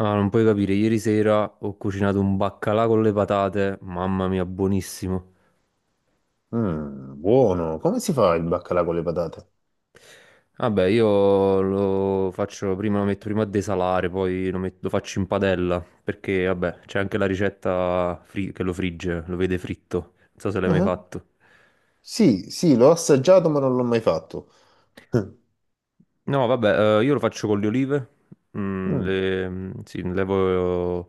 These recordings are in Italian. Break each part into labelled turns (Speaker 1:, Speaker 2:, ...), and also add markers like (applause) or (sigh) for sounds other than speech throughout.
Speaker 1: Ah, non puoi capire, ieri sera ho cucinato un baccalà con le patate, mamma mia, buonissimo.
Speaker 2: Mm, buono. Come si fa il baccalà con le patate?
Speaker 1: Vabbè, io lo faccio prima, lo metto prima a desalare, poi lo faccio in padella, perché vabbè, c'è anche la ricetta che lo frigge, lo vede fritto. Non so se l'hai mai
Speaker 2: Ah,
Speaker 1: fatto.
Speaker 2: sì, sì, l'ho assaggiato, ma non l'ho mai fatto. (laughs)
Speaker 1: No, vabbè, io lo faccio con le olive,
Speaker 2: Mm.
Speaker 1: sì, levo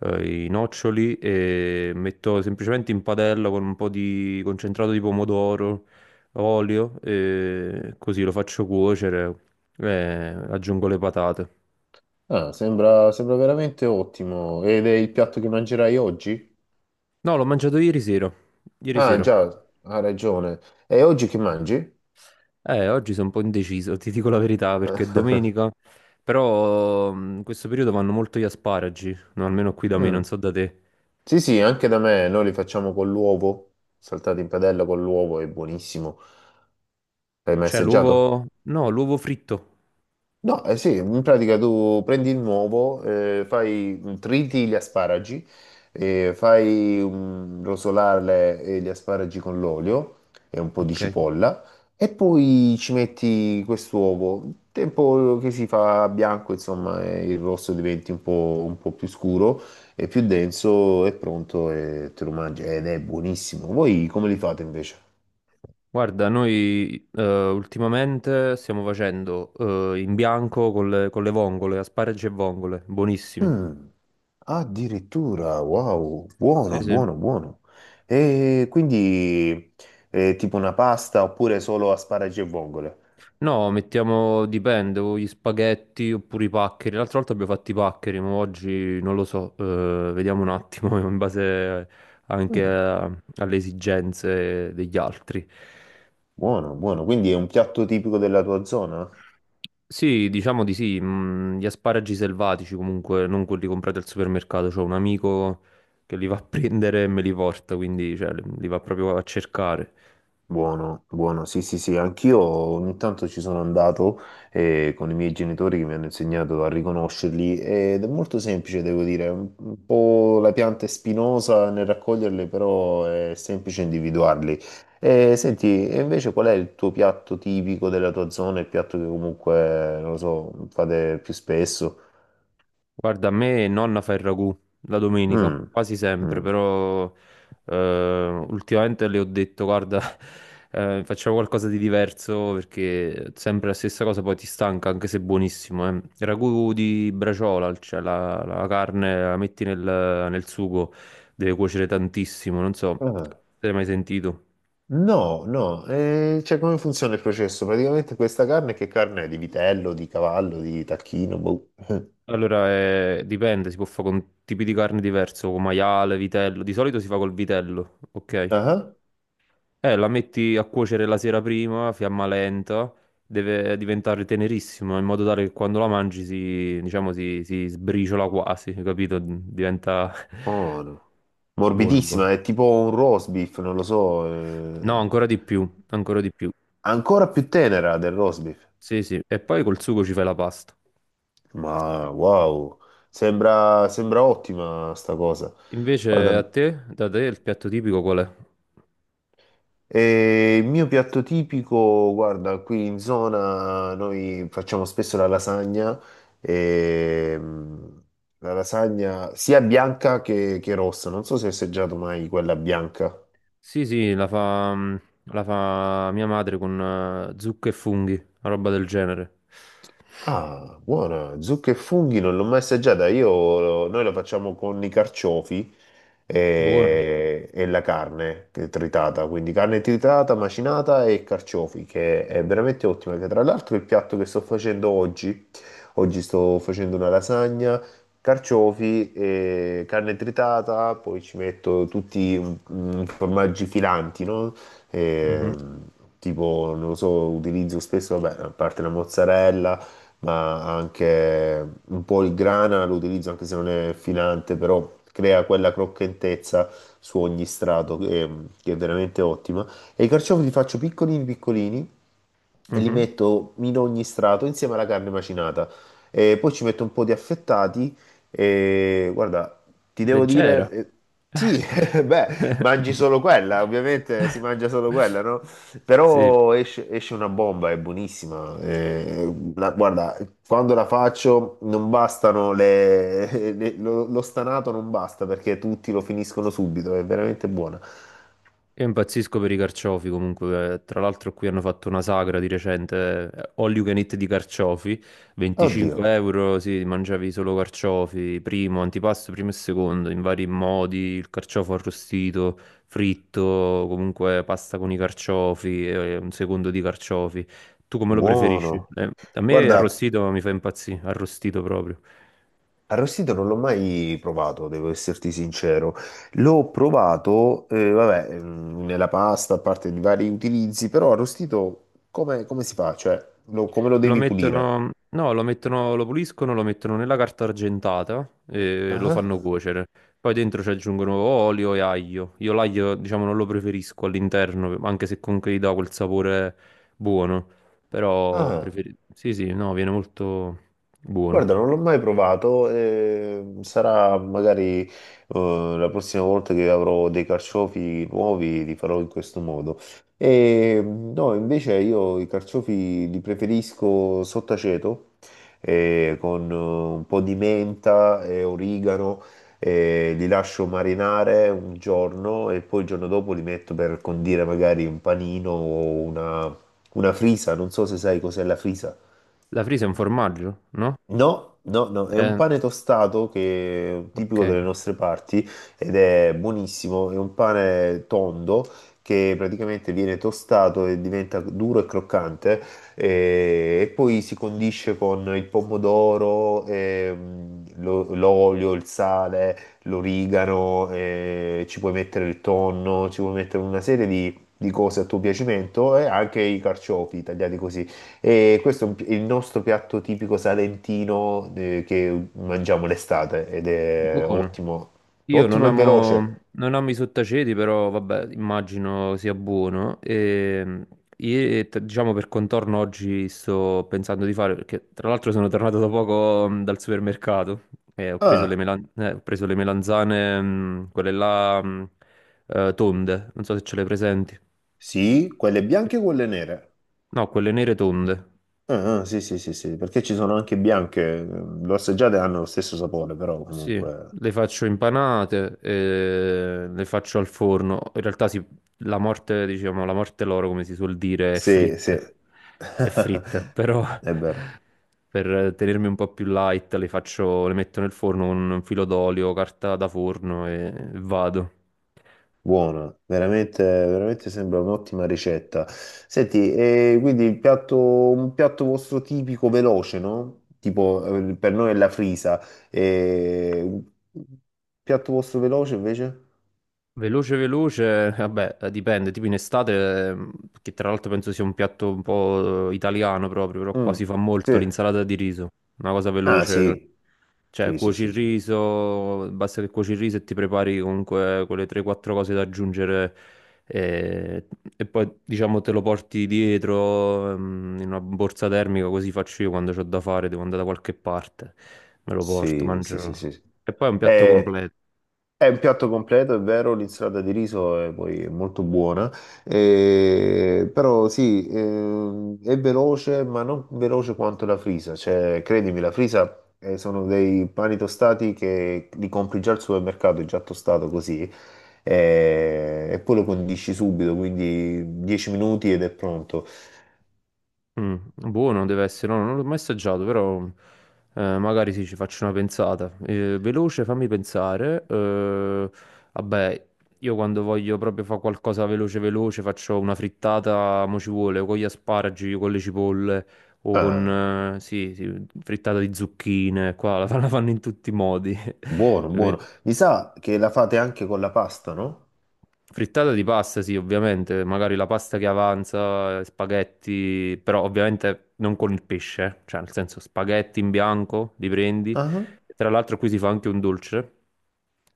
Speaker 1: i noccioli e metto semplicemente in padella con un po' di concentrato di pomodoro, olio e così lo faccio cuocere e aggiungo le patate.
Speaker 2: Ah, sembra, sembra veramente ottimo. Ed è il piatto che mangerai oggi?
Speaker 1: No, l'ho mangiato ieri sera, ieri
Speaker 2: Ah,
Speaker 1: sera.
Speaker 2: già, ha ragione. E oggi che mangi?
Speaker 1: Oggi sono un po' indeciso, ti dico la verità, perché è
Speaker 2: (laughs)
Speaker 1: domenica, però in questo periodo vanno molto gli asparagi, no, almeno qui da me, non
Speaker 2: Mm.
Speaker 1: so da te.
Speaker 2: Sì, sì, anche da me noi li facciamo con l'uovo, saltati in padella con l'uovo, è buonissimo. L'hai mai
Speaker 1: C'è
Speaker 2: assaggiato?
Speaker 1: l'uovo, no, l'uovo fritto.
Speaker 2: No, eh sì, in pratica tu prendi il nuovo, fai, triti gli asparagi, rosolare gli asparagi con l'olio e un po' di
Speaker 1: Ok,
Speaker 2: cipolla e poi ci metti quest'uovo. Il tempo che si fa bianco, insomma, il rosso diventi un po' più scuro e più denso, è pronto e te lo mangi ed è buonissimo. Voi come li fate invece?
Speaker 1: guarda, noi ultimamente stiamo facendo in bianco con le vongole, asparagi e vongole, buonissimi.
Speaker 2: Mm, addirittura, wow,
Speaker 1: Sì,
Speaker 2: buono,
Speaker 1: sì.
Speaker 2: buono, buono. E quindi tipo una pasta oppure solo asparagi e vongole?
Speaker 1: No, mettiamo, dipende, o gli spaghetti oppure i paccheri. L'altra volta abbiamo fatto i paccheri, ma oggi non lo so, vediamo un attimo (laughs) in base anche
Speaker 2: Mm,
Speaker 1: alle esigenze degli altri.
Speaker 2: buono, buono. Quindi è un piatto tipico della tua zona?
Speaker 1: Sì, diciamo di sì, gli asparagi selvatici comunque, non quelli comprati al supermercato, c'ho un amico che li va a (laughs) prendere e me li porta, quindi cioè, li va proprio a cercare.
Speaker 2: Buono, buono, sì, sì, sì, anch'io ogni tanto ci sono andato con i miei genitori che mi hanno insegnato a riconoscerli ed è molto semplice, devo dire, è un po' la pianta è spinosa nel raccoglierle, però è semplice individuarli. Senti, e invece qual è il tuo piatto tipico della tua zona, il piatto che comunque, non lo so, fate più spesso?
Speaker 1: Guarda, a me nonna fa il ragù la domenica,
Speaker 2: Mm,
Speaker 1: quasi sempre,
Speaker 2: mm.
Speaker 1: però ultimamente le ho detto, guarda, (laughs) facciamo qualcosa di diverso perché sempre la stessa cosa poi ti stanca, anche se è buonissimo. Il ragù di braciola, cioè la carne la metti nel sugo, deve cuocere tantissimo, non so,
Speaker 2: Ah.
Speaker 1: se l'hai mai sentito.
Speaker 2: No, no, cioè come funziona il processo? Praticamente questa carne che carne è? Di vitello, di cavallo, di tacchino, boh.
Speaker 1: Allora, dipende, si può fare con tipi di carne diverso, con maiale, vitello, di solito si fa col vitello, ok?
Speaker 2: Ah,
Speaker 1: La metti a cuocere la sera prima, a fiamma lenta, deve diventare tenerissima in modo tale che quando la mangi si, diciamo, si sbriciola quasi, capito? Diventa
Speaker 2: buono.
Speaker 1: (laughs) buono, buono.
Speaker 2: Morbidissima, è tipo un roast beef, non lo so,
Speaker 1: No, ancora di più, ancora di più.
Speaker 2: ancora più tenera del roast beef.
Speaker 1: Sì, sì. E poi col sugo ci fai la pasta.
Speaker 2: Ma wow, sembra, sembra ottima sta cosa. Guarda,
Speaker 1: Invece a te, da te, il piatto tipico qual è?
Speaker 2: e il mio piatto tipico, guarda, qui in zona noi facciamo spesso la lasagna, e, la lasagna sia bianca che rossa, non so se hai assaggiato mai quella bianca.
Speaker 1: Sì, sì, la fa mia madre con zucche e funghi, una roba del genere.
Speaker 2: Ah, buona, zucche e funghi non l'ho mai assaggiata. Io, noi lo facciamo con i carciofi
Speaker 1: Buono.
Speaker 2: e la carne che è tritata, quindi carne tritata, macinata e carciofi, che è veramente ottima. Che tra l'altro è il piatto che sto facendo oggi, oggi sto facendo una lasagna, carciofi e carne tritata, poi ci metto tutti formaggi filanti, no? E,
Speaker 1: Mhm,
Speaker 2: tipo, non lo so, utilizzo spesso, vabbè, a parte la mozzarella ma anche un po' il grana lo utilizzo anche se non è filante, però crea quella croccantezza su ogni strato che è veramente ottima. E i carciofi li faccio piccolini piccolini e li
Speaker 1: mhm.
Speaker 2: metto in ogni strato insieme alla carne macinata. E poi ci metto un po' di affettati e guarda, ti devo
Speaker 1: Leggero.
Speaker 2: dire, sì, (laughs) beh, mangi solo quella, ovviamente si mangia solo quella, no?
Speaker 1: Sì,
Speaker 2: Però esce, esce una bomba, è buonissima. La- guarda, quando la faccio non bastano le, (laughs) le- lo, lo stanato non basta perché tutti lo finiscono subito, è veramente buona.
Speaker 1: io impazzisco per i carciofi comunque. Tra l'altro qui hanno fatto una sagra di recente, all you can eat di carciofi,
Speaker 2: Oddio,
Speaker 1: 25 euro, sì, mangiavi solo carciofi, primo, antipasto, primo e secondo, in vari modi, il carciofo arrostito, fritto, comunque pasta con i carciofi, un secondo di carciofi. Tu come lo preferisci?
Speaker 2: buono.
Speaker 1: A me
Speaker 2: Guarda,
Speaker 1: arrostito mi fa impazzire, arrostito proprio.
Speaker 2: arrostito non l'ho mai provato, devo esserti sincero. L'ho provato, vabbè, nella pasta, a parte di vari utilizzi, però arrostito come, come si fa? Cioè, lo- come lo
Speaker 1: Lo
Speaker 2: devi pulire?
Speaker 1: mettono, no, lo mettono, lo puliscono, lo mettono nella carta argentata e lo
Speaker 2: Ah,
Speaker 1: fanno cuocere. Poi dentro ci aggiungono olio e aglio. Io l'aglio, diciamo, non lo preferisco all'interno, anche se comunque gli dà quel sapore buono. Però
Speaker 2: ah.
Speaker 1: sì, sì, no, viene molto
Speaker 2: Guarda,
Speaker 1: buono.
Speaker 2: non l'ho mai provato, sarà magari la prossima volta che avrò dei carciofi nuovi li farò in questo modo. E, no, invece io i carciofi li preferisco sott'aceto, con un po' di menta e origano, li lascio marinare un giorno e poi il giorno dopo li metto per condire magari un panino o una frisa, non so se sai cos'è la frisa.
Speaker 1: La frisa è un formaggio, no?
Speaker 2: No, no, no, è un
Speaker 1: Eh,
Speaker 2: pane tostato che è un
Speaker 1: ok,
Speaker 2: tipico delle nostre parti ed è buonissimo, è un pane tondo che praticamente viene tostato e diventa duro e croccante e, poi si condisce con il pomodoro, lo- l'olio, il sale, l'origano, ci puoi mettere il tonno, ci puoi mettere una serie di cose a tuo piacimento e anche i carciofi tagliati così. E questo è un pi- il nostro piatto tipico salentino che mangiamo l'estate ed è
Speaker 1: buono.
Speaker 2: ottimo,
Speaker 1: Io non
Speaker 2: ottimo e veloce.
Speaker 1: amo, non amo i sottaceti, però vabbè, immagino sia buono. Diciamo per contorno oggi sto pensando di fare, perché tra l'altro sono tornato da poco dal supermercato e
Speaker 2: Ah,
Speaker 1: ho preso le melanzane, quelle là, tonde, non so se ce le presenti.
Speaker 2: sì, quelle bianche e quelle nere.
Speaker 1: No, quelle nere tonde.
Speaker 2: Ah, ah, sì, sì, sì, sì, perché ci sono anche bianche, l'ho assaggiate e hanno lo stesso sapore, però
Speaker 1: Sì,
Speaker 2: comunque...
Speaker 1: le faccio impanate, e le faccio al forno. In realtà sì, la morte, diciamo, la morte loro, come si suol dire, è
Speaker 2: Sì, sì,
Speaker 1: fritte. È
Speaker 2: (laughs)
Speaker 1: fritta, però
Speaker 2: è vero.
Speaker 1: (laughs) per tenermi un po' più light le faccio, le metto nel forno con un filo d'olio, carta da forno e vado.
Speaker 2: Buona, veramente, veramente sembra un'ottima ricetta. Senti, e quindi il piatto, un piatto vostro tipico veloce, no? Tipo, per noi è la frisa. E... un piatto vostro veloce invece?
Speaker 1: Veloce, veloce, vabbè, dipende, tipo in estate, che tra l'altro penso sia un piatto un po' italiano proprio, però qua
Speaker 2: Mm,
Speaker 1: si fa
Speaker 2: sì.
Speaker 1: molto l'insalata di riso, una cosa
Speaker 2: Ah,
Speaker 1: veloce,
Speaker 2: sì,
Speaker 1: cioè
Speaker 2: sì, sì,
Speaker 1: cuoci
Speaker 2: sì.
Speaker 1: il
Speaker 2: Sì.
Speaker 1: riso, basta che cuoci il riso e ti prepari comunque quelle 3-4 cose da aggiungere eh, e, poi diciamo te lo porti dietro in una borsa termica, così faccio io quando ho da fare, devo andare da qualche parte, me lo porto,
Speaker 2: Sì, sì, sì,
Speaker 1: mangio.
Speaker 2: sì. Sì.
Speaker 1: E poi è un piatto
Speaker 2: È,
Speaker 1: completo.
Speaker 2: è un piatto completo, è vero, l'insalata di riso è poi è molto buona, però sì, è veloce, ma non veloce quanto la frisa. Cioè, credimi, la frisa sono dei pani tostati che li compri già al supermercato, è già tostato così, e poi lo condisci subito, quindi 10 minuti ed è pronto.
Speaker 1: Mm, buono deve essere, no, non l'ho mai assaggiato, però magari sì, ci faccio una pensata. Veloce, fammi pensare. Vabbè, io quando voglio proprio fare qualcosa veloce veloce faccio una frittata, mo ci vuole, o con gli asparagi, con le cipolle o
Speaker 2: Ah,
Speaker 1: con, sì, sì, frittata di zucchine, qua la fanno in tutti i modi. (laughs)
Speaker 2: buono, buono. Mi sa che la fate anche con la pasta, no?
Speaker 1: Frittata di pasta, sì, ovviamente, magari la pasta che avanza, spaghetti, però ovviamente non con il pesce, cioè nel senso spaghetti in bianco, li prendi.
Speaker 2: Ah.
Speaker 1: Tra l'altro qui si fa anche un dolce,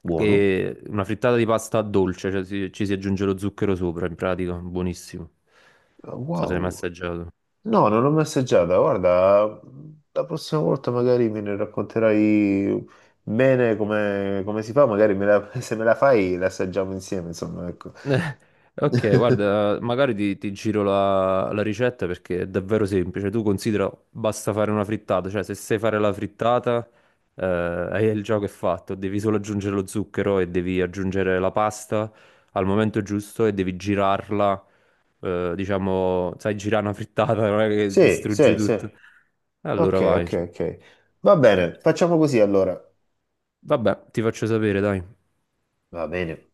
Speaker 2: Buono.
Speaker 1: che è una frittata di pasta dolce, cioè ci si aggiunge lo zucchero sopra, in pratica, buonissimo. Non so se l'hai mai
Speaker 2: Wow.
Speaker 1: assaggiato.
Speaker 2: No, non l'ho mai assaggiata. Guarda, la prossima volta magari me ne racconterai bene come, come si fa. Magari me la- (laughs) se me la fai, la assaggiamo insieme. Insomma, ecco.
Speaker 1: Eh, Ok,
Speaker 2: (laughs)
Speaker 1: guarda, magari ti giro la ricetta perché è davvero semplice. Tu considera, basta fare una frittata, cioè se sai fare la frittata, eh, il gioco è fatto, devi solo aggiungere lo zucchero e devi aggiungere la pasta al momento giusto e devi girarla, diciamo, sai girare una frittata, non è che
Speaker 2: Sì,
Speaker 1: distruggi
Speaker 2: sì, sì.
Speaker 1: tutto. Allora
Speaker 2: Ok,
Speaker 1: vai.
Speaker 2: ok, ok. Va bene, facciamo così allora.
Speaker 1: Vabbè, ti faccio sapere, dai.
Speaker 2: Va bene.